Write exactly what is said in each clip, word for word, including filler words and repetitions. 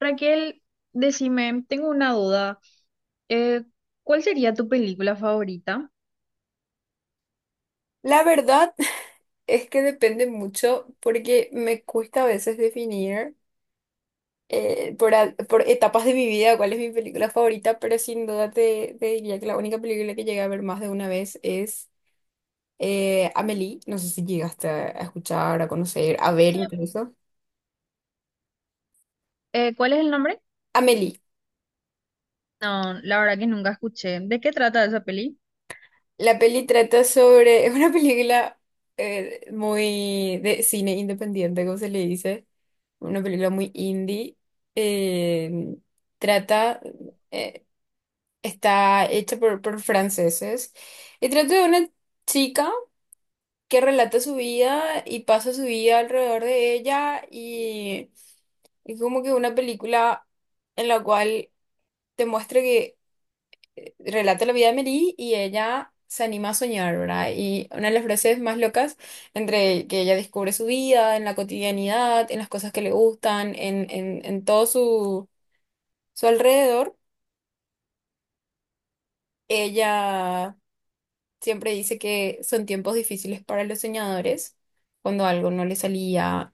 Raquel, decime, tengo una duda. Eh, ¿Cuál sería tu película favorita? La verdad es que depende mucho porque me cuesta a veces definir eh, por, a- por etapas de mi vida cuál es mi película favorita, pero sin duda te, te diría que la única película que llegué a ver más de una vez es eh, Amélie. No sé si llegaste a a escuchar, a conocer, a ver incluso. Eh, ¿cuál es el nombre? Amélie. No, la verdad que nunca escuché. ¿De qué trata esa peli? La peli trata sobre... Es una película eh, muy de cine independiente, como se le dice. Una película muy indie. eh, Trata... eh, Está hecha por, por franceses y trata de una chica que relata su vida y pasa su vida alrededor de ella y es como que una película en la cual te muestra que relata la vida de Mary y ella se anima a soñar, ¿verdad? Y una de las frases más locas entre que ella descubre su vida en la cotidianidad, en las cosas que le gustan, en, en, en todo su, su alrededor, ella... Siempre dice que son tiempos difíciles para los soñadores, cuando algo no le salía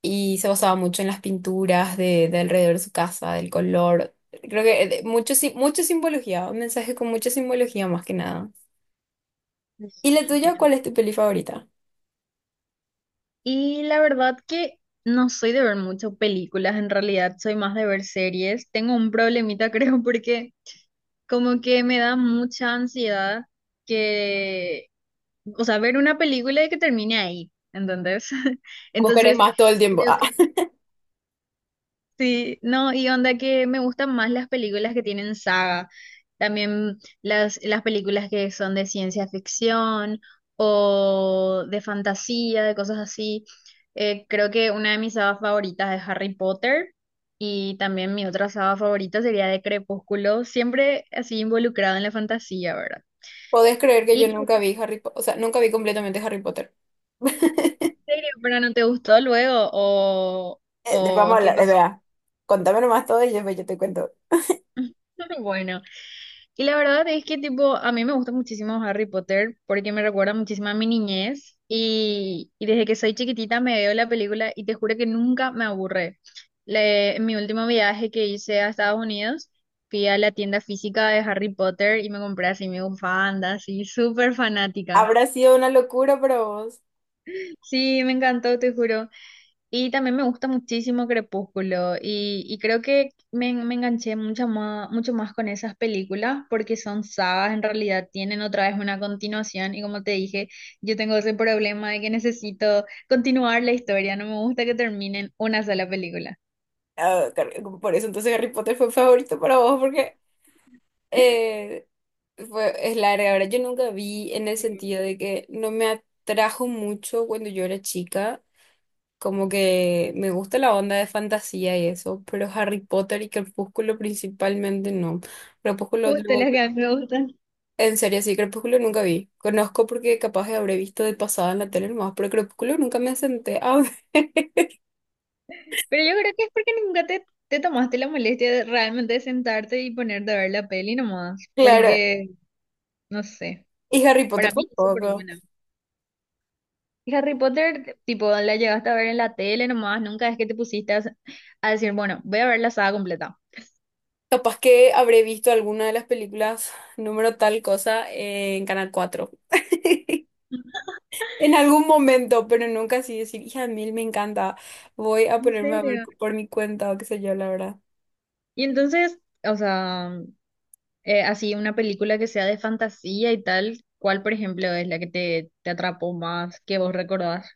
y se basaba mucho en las pinturas de, de alrededor de su casa, del color. Creo que eh, de- mucho, sim- mucha simbología, un mensaje con mucha simbología más que nada. Mm. ¿Y la tuya, cuál Entiendo. es tu peli favorita? Y la verdad que no soy de ver mucho películas, en realidad soy más de ver series. Tengo un problemita, creo, porque como que me da mucha ansiedad que, o sea, ver una película y que termine ahí, ¿entendés? Vos querés Entonces, más todo el tiempo. creo Ah, que sí. No, y onda que me gustan más las películas que tienen saga, también las, las películas que son de ciencia ficción o de fantasía, de cosas así. Eh, creo que una de mis sagas favoritas es Harry Potter y también mi otra saga favorita sería de Crepúsculo, siempre así involucrado en la fantasía, ¿verdad? ¿podés creer que yo ¿Y tú, nunca vi Harry Potter? O sea, nunca vi completamente Harry Potter. en serio, pero no te gustó luego o, Eh, de- Vamos a o qué hablar, es pasó? verdad. Contame nomás todo y después yo te cuento. Bueno. Y la verdad es que tipo, a mí me gusta muchísimo Harry Potter porque me recuerda muchísimo a mi niñez y, y desde que soy chiquitita me veo la película y te juro que nunca me aburre. Le- en mi último viaje que hice a Estados Unidos, fui a la tienda física de Harry Potter y me compré así mi bufanda, así súper fanática. Habrá sido una locura para vos. Sí, me encantó, te juro. Y también me gusta muchísimo Crepúsculo y, y creo que me, me enganché mucho más, mucho más con esas películas porque son sagas, en realidad tienen otra vez una continuación y como te dije, yo tengo ese problema de que necesito continuar la historia, no me gusta que terminen una sola película. Ah, car- por eso entonces Harry Potter fue favorito para vos, porque eh, fue, es larga. Ahora, yo nunca vi en el sentido de que no me atrajo mucho cuando yo era chica. Como que me gusta la onda de fantasía y eso, pero Harry Potter y Crepúsculo principalmente no. Crepúsculo, Justo lo- las que a mí me gustan. en serio, sí, Crepúsculo nunca vi. Conozco porque capaz que habré visto de pasada en la tele nomás, pero Crepúsculo nunca me senté a ver. Pero yo creo que es porque nunca te, te tomaste la molestia de realmente sentarte y ponerte a ver la peli nomás, Claro, porque no sé, y Harry para Potter mí es súper tampoco. buena. Harry Potter, tipo, la llegaste a ver en la tele nomás, nunca es que te pusiste a, a decir, bueno, voy a ver la saga completa. Capaz que habré visto alguna de las películas número tal cosa en Canal cuatro. En algún momento, pero nunca así decir, hija mil, me encanta. Voy a ¿En ponerme a ver serio? por mi cuenta o qué sé yo, la verdad. Y entonces, o sea, eh, así una película que sea de fantasía y tal, ¿cuál, por ejemplo, es la que te, te atrapó más, que vos recordás?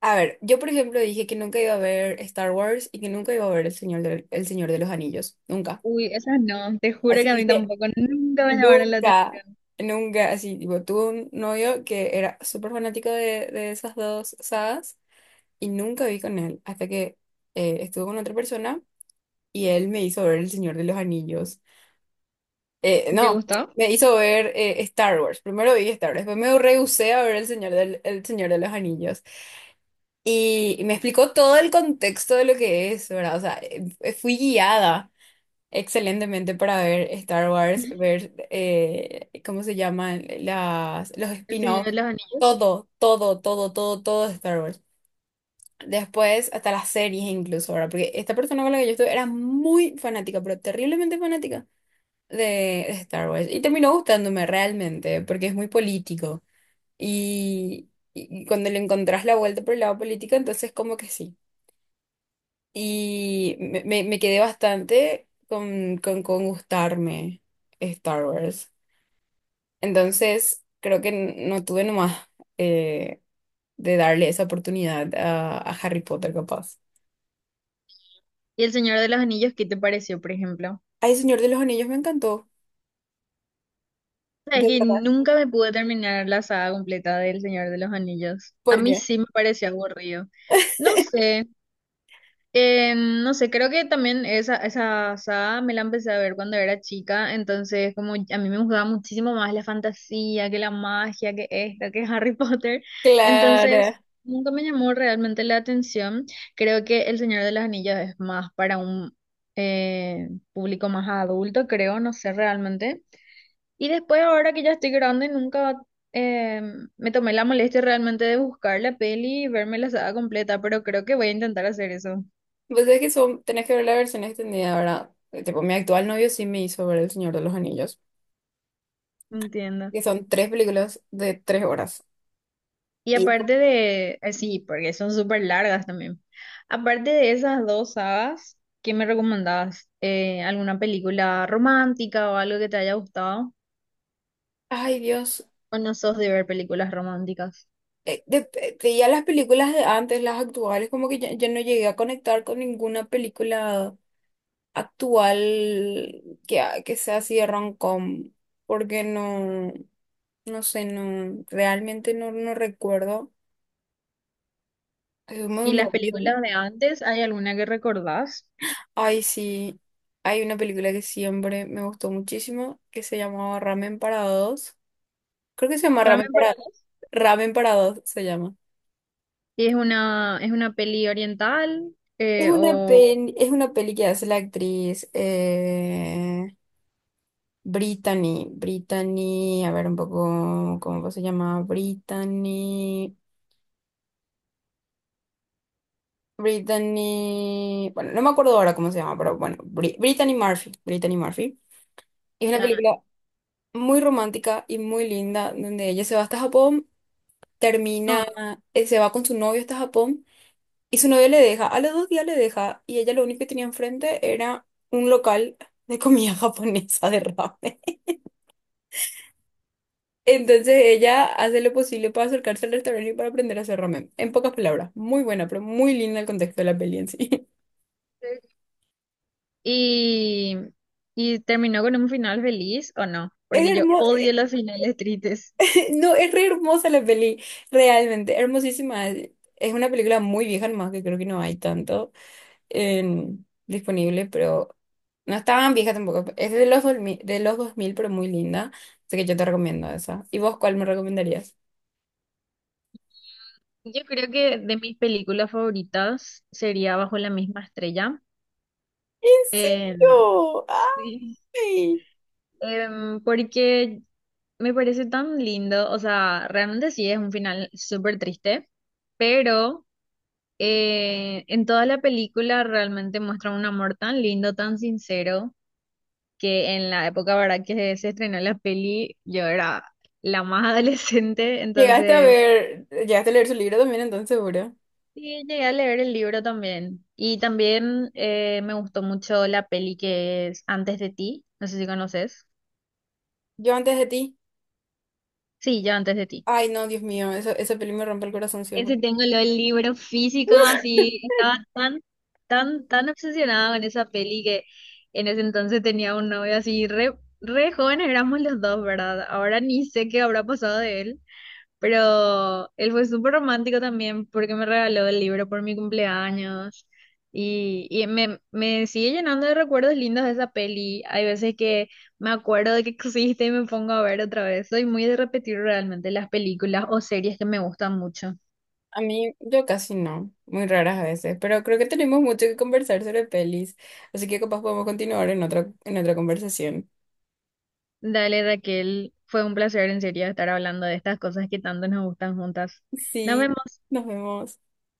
A ver, yo por ejemplo dije que nunca iba a ver Star Wars y que nunca iba a ver El Señor de, El Señor de los Anillos. Nunca. Uy, esas no, te juro Así que a mí dije, tampoco, nunca me llamaron la nunca, atención. nunca. Así, tipo, tuve un novio que era súper fanático de, de esas dos sagas y nunca vi con él hasta que eh, estuve con otra persona. Y él me hizo ver El Señor de los Anillos. Eh, ¿Te no, gustó? me hizo ver eh, Star Wars. Primero vi Star Wars, después me rehusé a ver El Señor del, El Señor de los Anillos. Y, y me explicó todo el contexto de lo que es, ¿verdad? O sea, eh, eh, fui guiada excelentemente para ver Star Wars, ver, eh, ¿cómo se llaman? Las, los El Señor spin-offs. de los Anillos. Todo, todo, todo, todo, todo de Star Wars. Después, hasta las series incluso, ahora, porque esta persona con la que yo estuve era muy fanática, pero terriblemente fanática de Star Wars. Y terminó gustándome realmente, porque es muy político. Y, y cuando le encontrás la vuelta por el lado político, entonces como que sí. Y me, me- me quedé bastante con, con, con gustarme Star Wars. Entonces, creo que n- no tuve nomás eh, de darle esa oportunidad a, a Harry Potter, capaz. ¿Y el Señor de los Anillos qué te pareció, por ejemplo? Ay, Señor de los Anillos, me encantó. Sabes De que verdad. nunca me pude terminar la saga completa del Señor de los Anillos. A ¿Por mí qué? sí me pareció aburrido. No sé, eh, no sé, creo que también esa, esa saga me la empecé a ver cuando era chica, entonces como a mí me gustaba muchísimo más la fantasía, que la magia, que esta, que Harry Potter. Claro. Entonces, nunca me llamó realmente la atención. Creo que El Señor de los Anillos es más para un eh, público más adulto, creo, no sé realmente. Y después, ahora que ya estoy grande, nunca eh, me tomé la molestia realmente de buscar la peli y verme la saga completa, pero creo que voy a intentar hacer eso. Pues es que son, tenés que ver la versión extendida, ¿verdad? Eh, Tipo, mi actual novio sí me hizo ver El Señor de los Anillos, Entiendo. que son tres películas de tres horas. Y Y, aparte de, eh, sí, porque son súper largas también. Aparte de esas dos sagas, ¿qué me recomendabas? Eh, ¿alguna película romántica o algo que te haya gustado? ay Dios, ¿O no sos de ver películas románticas? eh, de- de- de ya las películas de antes, las actuales, como que ya, ya no llegué a conectar con ninguna película actual que, ha- que sea así de rom-com, porque no, no sé, no, realmente no, no recuerdo. Es muy ¿Y las movido. películas de antes, hay alguna que recordás? Ay, sí, hay una película que siempre me gustó muchísimo que se llamaba Ramen para dos. Creo que se llama Ramen Ramen para... para dos. Ramen para dos se llama. ¿Y es una, es una peli oriental? Es eh, una o peli, Es una peli que hace la actriz eh, Brittany. Brittany, a ver un poco cómo se llama. Brittany. Brittany. Bueno, no me acuerdo ahora cómo se llama, pero bueno, Bri- Brittany Murphy. Brittany Murphy. Es una ya, película muy romántica y muy linda, donde ella se va hasta Japón no. termina, eh, se va con su novio hasta Japón y su novio le deja, a los dos días le deja y ella lo único que tenía enfrente era un local de comida japonesa de ramen. Entonces ella hace lo posible para acercarse al restaurante y para aprender a hacer ramen. En pocas palabras, muy buena, pero muy linda el contexto de la peli en sí. ¿Y, y terminó con un final feliz o no? Es Porque yo hermosa, odio los finales tristes. no, es re hermosa la peli, realmente, hermosísima. Es una película muy vieja nomás que creo que no hay tanto en- disponible, pero no estaba tan vieja tampoco. Es de los, dos mil, de los dos mil, pero muy linda. Así que yo te recomiendo esa. ¿Y vos cuál me recomendarías? Yo creo que de mis películas favoritas sería Bajo la misma estrella. ¿En serio? Em, sí. ¡Ay! em, porque me parece tan lindo, o sea, realmente sí es un final súper triste, pero Eh, en toda la película realmente muestra un amor tan lindo, tan sincero, que en la época, ¿verdad? Que se estrenó la peli, yo era la más adolescente, Llegaste a entonces ver, llegaste a leer su libro también, entonces seguro. sí, llegué a leer el libro también. Y también eh, me gustó mucho la peli que es Antes de ti, no sé si conoces. Yo antes de ti. Sí, yo Antes de ti. Ay, no, Dios mío, eso, esa peli me rompe el corazón siempre. Ese tengo lo del libro físico, así estaba tan, tan, tan obsesionada con esa peli que en ese entonces tenía un novio así re, re jóvenes éramos los dos, ¿verdad? Ahora ni sé qué habrá pasado de él, pero él fue súper romántico también porque me regaló el libro por mi cumpleaños y, y me, me sigue llenando de recuerdos lindos de esa peli. Hay veces que me acuerdo de que existe y me pongo a ver otra vez. Soy muy de repetir realmente las películas o series que me gustan mucho. A mí, yo casi no, muy raras a veces, pero creo que tenemos mucho que conversar sobre pelis, así que capaz podemos continuar en otra, en otra conversación. Dale, Raquel, fue un placer en serio estar hablando de estas cosas que tanto nos gustan juntas. Nos Sí, vemos. nos vemos.